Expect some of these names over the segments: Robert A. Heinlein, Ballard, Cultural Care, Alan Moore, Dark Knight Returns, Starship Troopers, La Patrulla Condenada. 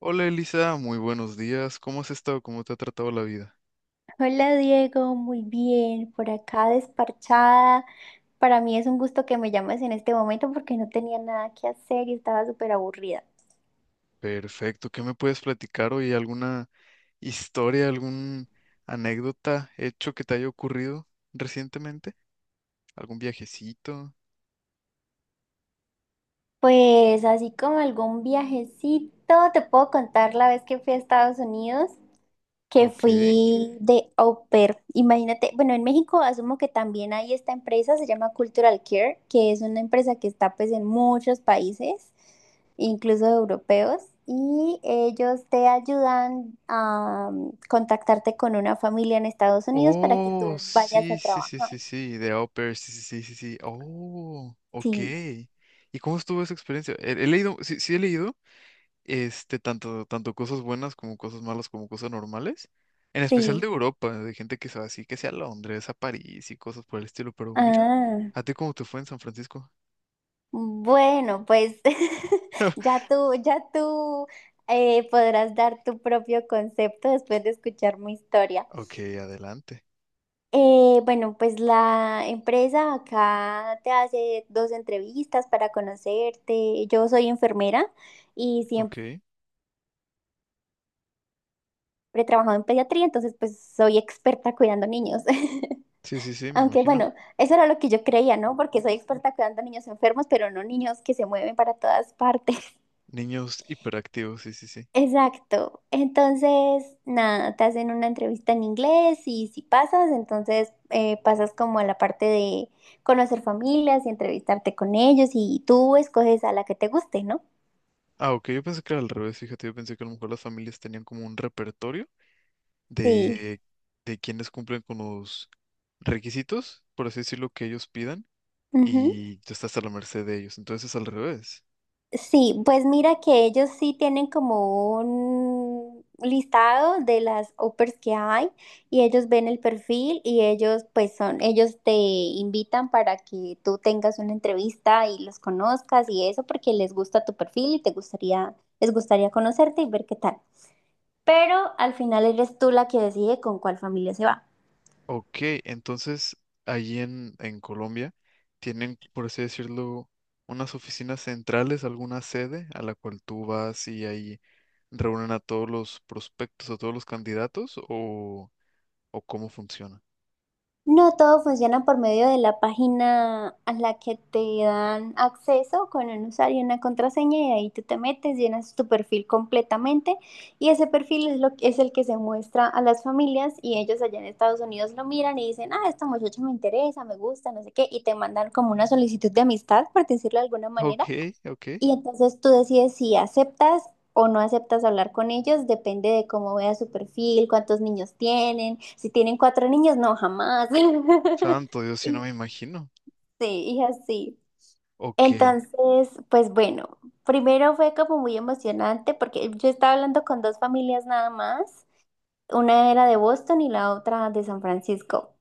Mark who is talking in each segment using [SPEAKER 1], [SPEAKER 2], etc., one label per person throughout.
[SPEAKER 1] Hola Elisa, muy buenos días. ¿Cómo has estado? ¿Cómo te ha tratado la vida?
[SPEAKER 2] Hola Diego, muy bien, por acá desparchada. Para mí es un gusto que me llames en este momento porque no tenía nada que hacer y estaba súper aburrida.
[SPEAKER 1] Perfecto. ¿Qué me puedes platicar hoy? ¿Alguna historia, alguna anécdota, hecho que te haya ocurrido recientemente? ¿Algún viajecito?
[SPEAKER 2] Pues así como algún viajecito, te puedo contar la vez que fui a Estados Unidos, que
[SPEAKER 1] Ok.
[SPEAKER 2] fui de au pair. Imagínate, bueno, en México asumo que también hay esta empresa, se llama Cultural Care, que es una empresa que está pues en muchos países, incluso europeos, y ellos te ayudan a contactarte con una familia en Estados Unidos para que tú
[SPEAKER 1] Oh,
[SPEAKER 2] Vayas
[SPEAKER 1] sí,
[SPEAKER 2] a
[SPEAKER 1] sí, sí,
[SPEAKER 2] trabajar.
[SPEAKER 1] sí, sí, de au pair, sí, sí, sí, sí, sí. Oh, ok.
[SPEAKER 2] Sí,
[SPEAKER 1] ¿Y cómo estuvo esa experiencia? He leído, sí, sí he leído este, tanto cosas buenas como cosas malas como cosas normales. En especial
[SPEAKER 2] sí.
[SPEAKER 1] de Europa, de gente que se va así, que sea a Londres, a París y cosas por el estilo. Pero mira,
[SPEAKER 2] Ah,
[SPEAKER 1] ¿a ti cómo te fue en San Francisco?
[SPEAKER 2] bueno, pues ya tú podrás dar tu propio concepto después de escuchar mi historia.
[SPEAKER 1] Ok, adelante.
[SPEAKER 2] Bueno, pues la empresa acá te hace dos entrevistas para conocerte. Yo soy enfermera y siempre
[SPEAKER 1] Ok.
[SPEAKER 2] he trabajado en pediatría, entonces pues soy experta cuidando niños.
[SPEAKER 1] Sí, sí, sí, me
[SPEAKER 2] Aunque
[SPEAKER 1] imagino.
[SPEAKER 2] bueno, eso era lo que yo creía, ¿no? Porque soy experta cuidando niños enfermos, pero no niños que se mueven para todas partes.
[SPEAKER 1] Niños hiperactivos, sí, sí, sí.
[SPEAKER 2] Exacto. Entonces, nada, te hacen una entrevista en inglés y si pasas, entonces pasas como a la parte de conocer familias y entrevistarte con ellos y tú escoges a la que te guste, ¿no?
[SPEAKER 1] Ah, ok, yo pensé que era al revés, fíjate, yo pensé que a lo mejor las familias tenían como un repertorio
[SPEAKER 2] Sí.
[SPEAKER 1] de, de, quienes cumplen con los requisitos, por así decirlo, que ellos pidan, y tú estás a la merced de ellos. Entonces es al revés.
[SPEAKER 2] Sí, pues mira que ellos sí tienen como un listado de las offers que hay y ellos ven el perfil y ellos pues son, ellos te invitan para que tú tengas una entrevista y los conozcas y eso porque les gusta tu perfil y te gustaría, les gustaría conocerte y ver qué tal. Pero al final eres tú la que decide con cuál familia se va.
[SPEAKER 1] Ok, entonces allí en, Colombia tienen, por así decirlo, unas oficinas centrales, alguna sede a la cual tú vas y ahí reúnen a todos los prospectos, a todos los candidatos o cómo funciona.
[SPEAKER 2] No, todo funciona por medio de la página a la que te dan acceso con un usuario y una contraseña y ahí tú te metes, llenas tu perfil completamente y ese perfil es, lo, es el que se muestra a las familias y ellos allá en Estados Unidos lo miran y dicen, ah, esta muchacha me interesa, me gusta, no sé qué, y te mandan como una solicitud de amistad, por decirlo de alguna
[SPEAKER 1] Ok,
[SPEAKER 2] manera.
[SPEAKER 1] ok.
[SPEAKER 2] Y entonces tú decides si aceptas o no aceptas hablar con ellos, depende de cómo vea su perfil, cuántos niños tienen, si tienen cuatro niños, no, jamás.
[SPEAKER 1] Santo Dios, si no
[SPEAKER 2] Y
[SPEAKER 1] me imagino.
[SPEAKER 2] sí, y así.
[SPEAKER 1] Ok,
[SPEAKER 2] Entonces, pues bueno, primero fue como muy emocionante porque yo estaba hablando con dos familias nada más, una era de Boston y la otra de San Francisco.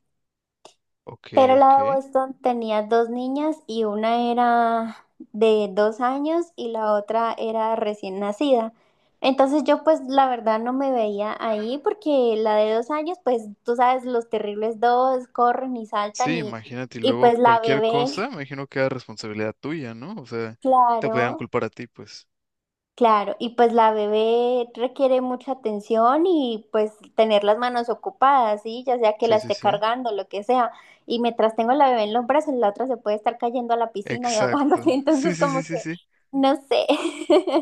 [SPEAKER 1] ok,
[SPEAKER 2] Pero
[SPEAKER 1] ok.
[SPEAKER 2] la de Boston tenía dos niñas y una era de 2 años y la otra era recién nacida. Entonces yo pues la verdad no me veía ahí porque la de 2 años pues tú sabes los terribles dos corren y saltan,
[SPEAKER 1] Sí,
[SPEAKER 2] y,
[SPEAKER 1] imagínate, y
[SPEAKER 2] y
[SPEAKER 1] luego
[SPEAKER 2] pues la
[SPEAKER 1] cualquier cosa,
[SPEAKER 2] bebé,
[SPEAKER 1] me imagino que era responsabilidad tuya, ¿no? O sea, te podían
[SPEAKER 2] claro.
[SPEAKER 1] culpar a ti, pues.
[SPEAKER 2] Claro, y pues la bebé requiere mucha atención y pues tener las manos ocupadas, ¿sí? Ya sea que
[SPEAKER 1] Sí,
[SPEAKER 2] la
[SPEAKER 1] sí,
[SPEAKER 2] esté
[SPEAKER 1] sí.
[SPEAKER 2] cargando, lo que sea. Y mientras tengo la bebé en los brazos, la otra se puede estar cayendo a la piscina y ahogándose.
[SPEAKER 1] Exacto. Sí,
[SPEAKER 2] Entonces,
[SPEAKER 1] sí, sí,
[SPEAKER 2] como
[SPEAKER 1] sí,
[SPEAKER 2] que,
[SPEAKER 1] sí.
[SPEAKER 2] no sé.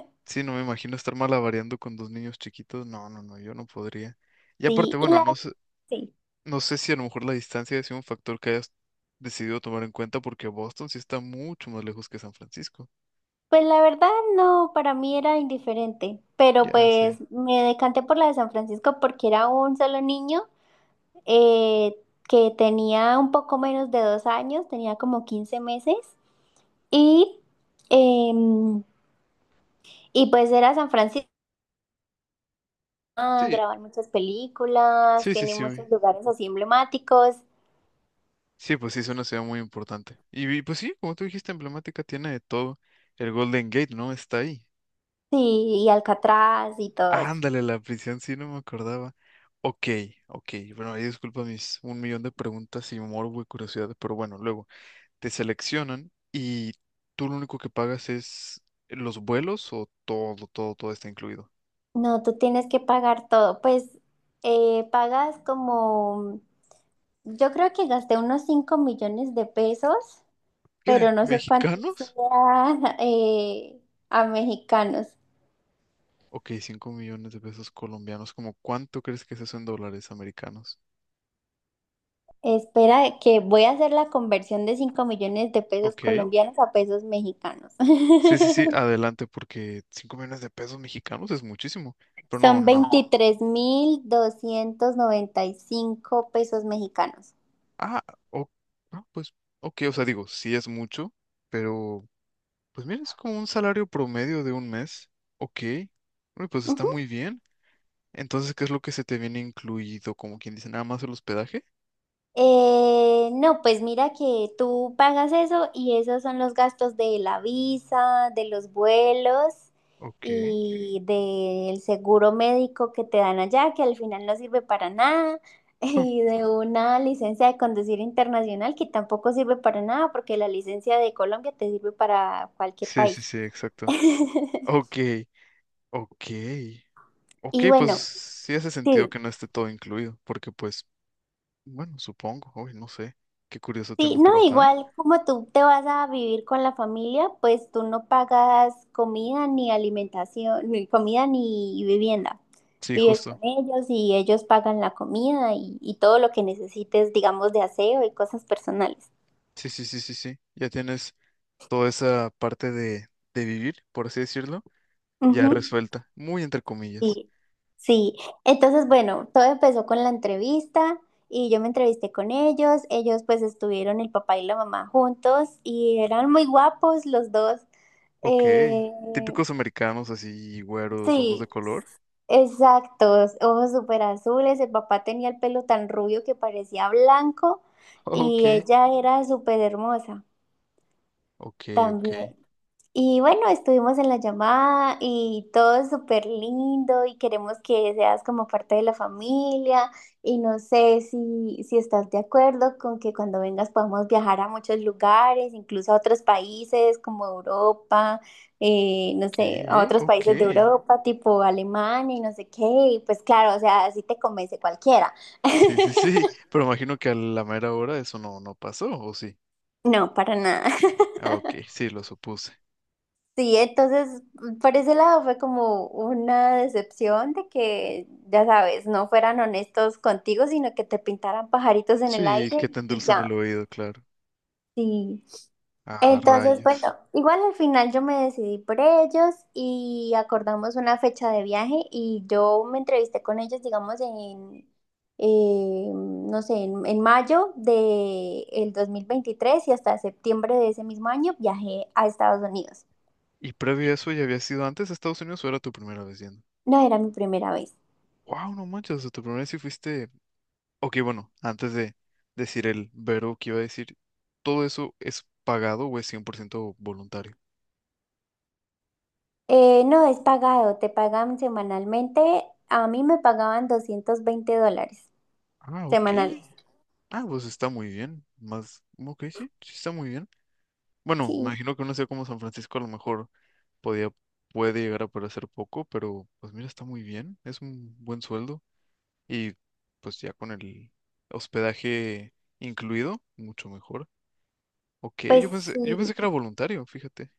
[SPEAKER 1] Sí, no me imagino estar malavariando con dos niños chiquitos. No, no, no, yo no podría. Y aparte,
[SPEAKER 2] Sí,
[SPEAKER 1] bueno, no sé,
[SPEAKER 2] sí.
[SPEAKER 1] no sé si a lo mejor la distancia es un factor que hayas decidido tomar en cuenta porque Boston sí está mucho más lejos que San Francisco.
[SPEAKER 2] Pues la verdad, no, para mí era indiferente. Pero
[SPEAKER 1] Ya sí.
[SPEAKER 2] pues me decanté por la de San Francisco porque era un solo niño eh, que tenía un poco menos de 2 años, tenía como 15 meses. Y, em, y pues era San Francisco, ah,
[SPEAKER 1] Sí,
[SPEAKER 2] graban muchas películas,
[SPEAKER 1] sí, sí,
[SPEAKER 2] tiene
[SPEAKER 1] sí.
[SPEAKER 2] muchos
[SPEAKER 1] Uy.
[SPEAKER 2] lugares así emblemáticos,
[SPEAKER 1] Sí, pues sí, es una ciudad muy importante. Y pues sí, como tú dijiste, emblemática, tiene de todo. El Golden Gate, ¿no? Está ahí.
[SPEAKER 2] sí, y Alcatraz y todo eso.
[SPEAKER 1] Ándale, la prisión, sí, no me acordaba. Ok, ok. Bueno, ahí disculpa mis un millón de preguntas y morbo y curiosidad, pero bueno, luego. Te seleccionan y tú lo único que pagas es los vuelos o todo, todo, todo está incluido.
[SPEAKER 2] No, tú tienes que pagar todo. Pues pagas como, yo creo que gasté unos 5 millones de pesos, pero
[SPEAKER 1] ¿Qué?
[SPEAKER 2] no sé cuánto
[SPEAKER 1] ¿Mexicanos?
[SPEAKER 2] sea a mexicanos.
[SPEAKER 1] Ok, 5 millones de pesos colombianos. ¿Cómo cuánto crees que es eso en dólares americanos?
[SPEAKER 2] Espera, que voy a hacer la conversión de cinco millones de pesos
[SPEAKER 1] Ok.
[SPEAKER 2] colombianos a pesos mexicanos.
[SPEAKER 1] Sí, sí, sí, adelante, porque 5 millones de pesos mexicanos es muchísimo. Pero no,
[SPEAKER 2] Son
[SPEAKER 1] no, no.
[SPEAKER 2] 23.295 pesos mexicanos.
[SPEAKER 1] Ah, o- ah, pues, ok, o sea, digo, sí es mucho, pero pues mira, es como un salario promedio de un mes. Ok. Uy, pues está
[SPEAKER 2] Ujú.
[SPEAKER 1] muy bien. Entonces, ¿qué es lo que se te viene incluido? Como quien dice, nada más el hospedaje.
[SPEAKER 2] No, pues mira que tú pagas eso y esos son los gastos de la visa, de los vuelos
[SPEAKER 1] Ok.
[SPEAKER 2] y del seguro médico que te dan allá, que al final no sirve para nada, y de una licencia de conducir internacional que tampoco sirve para nada porque la licencia de Colombia te sirve para cualquier
[SPEAKER 1] Sí, sí,
[SPEAKER 2] país.
[SPEAKER 1] sí, exacto. Ok, ok. Ok,
[SPEAKER 2] Y
[SPEAKER 1] pues
[SPEAKER 2] bueno,
[SPEAKER 1] sí hace sentido
[SPEAKER 2] sí.
[SPEAKER 1] que no esté todo incluido, porque pues, bueno, supongo, uy, no sé, qué curioso
[SPEAKER 2] Sí,
[SPEAKER 1] tema,
[SPEAKER 2] no,
[SPEAKER 1] pero ajá.
[SPEAKER 2] igual como tú te vas a vivir con la familia, pues tú no pagas comida ni alimentación, ni comida ni vivienda.
[SPEAKER 1] Sí,
[SPEAKER 2] Vives con
[SPEAKER 1] justo.
[SPEAKER 2] ellos y ellos pagan la comida y todo lo que necesites, digamos, de aseo y cosas personales.
[SPEAKER 1] Sí, sí, sí, sí, sí. Ya tienes toda esa parte de vivir, por así decirlo, ya
[SPEAKER 2] Ujú.
[SPEAKER 1] resuelta, muy entre comillas.
[SPEAKER 2] Sí, sí. Entonces, bueno, todo empezó con la entrevista y yo me entrevisté con ellos. Ellos pues estuvieron el papá y la mamá juntos y eran muy guapos los dos.
[SPEAKER 1] Ok,
[SPEAKER 2] Eh,
[SPEAKER 1] típicos americanos así, güeros, ojos
[SPEAKER 2] sí,
[SPEAKER 1] de color.
[SPEAKER 2] exacto, ojos súper azules, el papá tenía el pelo tan rubio que parecía blanco
[SPEAKER 1] Ok,
[SPEAKER 2] y ella era súper hermosa
[SPEAKER 1] ok, ok.
[SPEAKER 2] también. Y bueno, estuvimos en la llamada y todo es súper lindo y queremos que seas como parte de la familia y no sé si estás de acuerdo con que cuando vengas podamos viajar a muchos lugares, incluso a otros países como Europa, no sé, a
[SPEAKER 1] ¿Qué?
[SPEAKER 2] otros
[SPEAKER 1] Ok.
[SPEAKER 2] países de Europa, tipo Alemania y no sé qué, y pues claro, o sea, así te convence cualquiera.
[SPEAKER 1] Sí, sí, sí. Pero imagino que a la mera hora eso no pasó, ¿o sí?
[SPEAKER 2] No, para nada.
[SPEAKER 1] Ah, ok, sí, lo supuse.
[SPEAKER 2] Sí, entonces por ese lado fue como una decepción de que, ya sabes, no fueran honestos contigo, sino que te pintaran pajaritos en el
[SPEAKER 1] Sí,
[SPEAKER 2] aire.
[SPEAKER 1] que
[SPEAKER 2] Sí.
[SPEAKER 1] te
[SPEAKER 2] Y
[SPEAKER 1] endulzan el
[SPEAKER 2] ya.
[SPEAKER 1] oído, claro.
[SPEAKER 2] Sí.
[SPEAKER 1] Ah,
[SPEAKER 2] Entonces, bueno,
[SPEAKER 1] rayos.
[SPEAKER 2] igual al final yo me decidí por ellos y acordamos una fecha de viaje y yo me entrevisté con ellos, digamos, no sé, en mayo del 2023 y hasta septiembre de ese mismo año viajé a Estados Unidos.
[SPEAKER 1] ¿Y previo a eso ya habías ido antes a Estados Unidos o era tu primera vez yendo?
[SPEAKER 2] No era mi primera vez.
[SPEAKER 1] Wow, no manches, o sea, tu primera vez sí fuiste. Ok, bueno, antes de decir el verbo que iba a decir, ¿todo eso es pagado o es 100% voluntario?
[SPEAKER 2] No, es pagado, te pagan semanalmente. A mí me pagaban $220
[SPEAKER 1] Ah, ok.
[SPEAKER 2] semanales.
[SPEAKER 1] Ah, pues está muy bien. Más, ok, sí, sí está muy bien. Bueno, me
[SPEAKER 2] Sí,
[SPEAKER 1] imagino que una ciudad como San Francisco a lo mejor podía, puede llegar a parecer poco, pero pues mira, está muy bien, es un buen sueldo y pues ya con el hospedaje incluido, mucho mejor. Ok,
[SPEAKER 2] pues
[SPEAKER 1] yo pensé
[SPEAKER 2] sí.
[SPEAKER 1] que era voluntario, fíjate.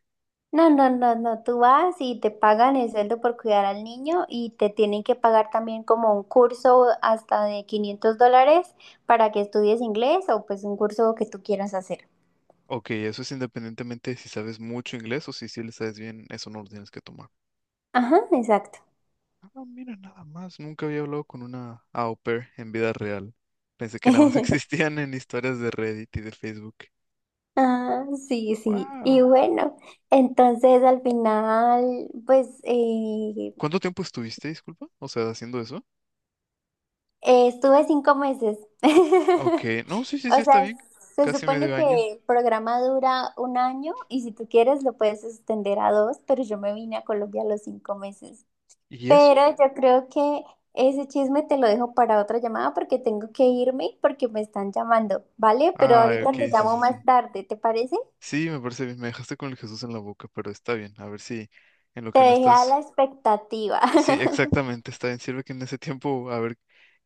[SPEAKER 2] No, no, no, no, tú vas y te pagan el sueldo por cuidar al niño y te tienen que pagar también como un curso hasta de $500 para que estudies inglés o pues un curso que tú quieras hacer.
[SPEAKER 1] Ok, eso es independientemente de si sabes mucho inglés o si sí le sabes bien, eso no lo tienes que tomar.
[SPEAKER 2] Ajá, exacto.
[SPEAKER 1] Ah, mira, nada más, nunca había hablado con una au pair en vida real. Pensé que nada más existían en historias de Reddit y de Facebook.
[SPEAKER 2] Ah, sí, sí. Y
[SPEAKER 1] Wow.
[SPEAKER 2] bueno, entonces al final, pues,
[SPEAKER 1] ¿Cuánto tiempo estuviste, disculpa? O sea, haciendo eso.
[SPEAKER 2] Estuve 5 meses.
[SPEAKER 1] Ok, no, sí, sí, sí,
[SPEAKER 2] O
[SPEAKER 1] está
[SPEAKER 2] sea,
[SPEAKER 1] bien.
[SPEAKER 2] se
[SPEAKER 1] Casi medio
[SPEAKER 2] supone
[SPEAKER 1] año.
[SPEAKER 2] que el programa dura un año y si tú quieres lo puedes extender a dos, pero yo me vine a Colombia a los 5 meses.
[SPEAKER 1] ¿Y
[SPEAKER 2] Pero
[SPEAKER 1] eso?
[SPEAKER 2] yo creo que ese chisme te lo dejo para otra llamada porque tengo que irme porque me están llamando, ¿vale? Pero
[SPEAKER 1] Ah,
[SPEAKER 2] ahorita
[SPEAKER 1] ok,
[SPEAKER 2] te
[SPEAKER 1] sí,
[SPEAKER 2] llamo
[SPEAKER 1] sí,
[SPEAKER 2] más
[SPEAKER 1] sí.
[SPEAKER 2] tarde, ¿te parece?
[SPEAKER 1] Sí, me parece bien. Me dejaste con el Jesús en la boca, pero está bien. A ver si en lo
[SPEAKER 2] Te
[SPEAKER 1] que no
[SPEAKER 2] dejé a la
[SPEAKER 1] estás.
[SPEAKER 2] expectativa.
[SPEAKER 1] Sí, exactamente, está bien. Sirve que en ese tiempo, a ver,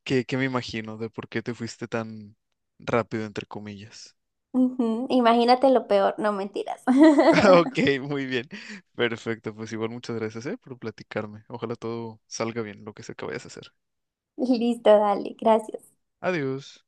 [SPEAKER 1] ¿qué me imagino de por qué te fuiste tan rápido, entre comillas.
[SPEAKER 2] Ujú, imagínate lo peor, no mentiras.
[SPEAKER 1] Ok, muy bien. Perfecto, pues igual muchas gracias, por platicarme. Ojalá todo salga bien, lo que sea que vayas a hacer.
[SPEAKER 2] Listo, dale, gracias.
[SPEAKER 1] Adiós.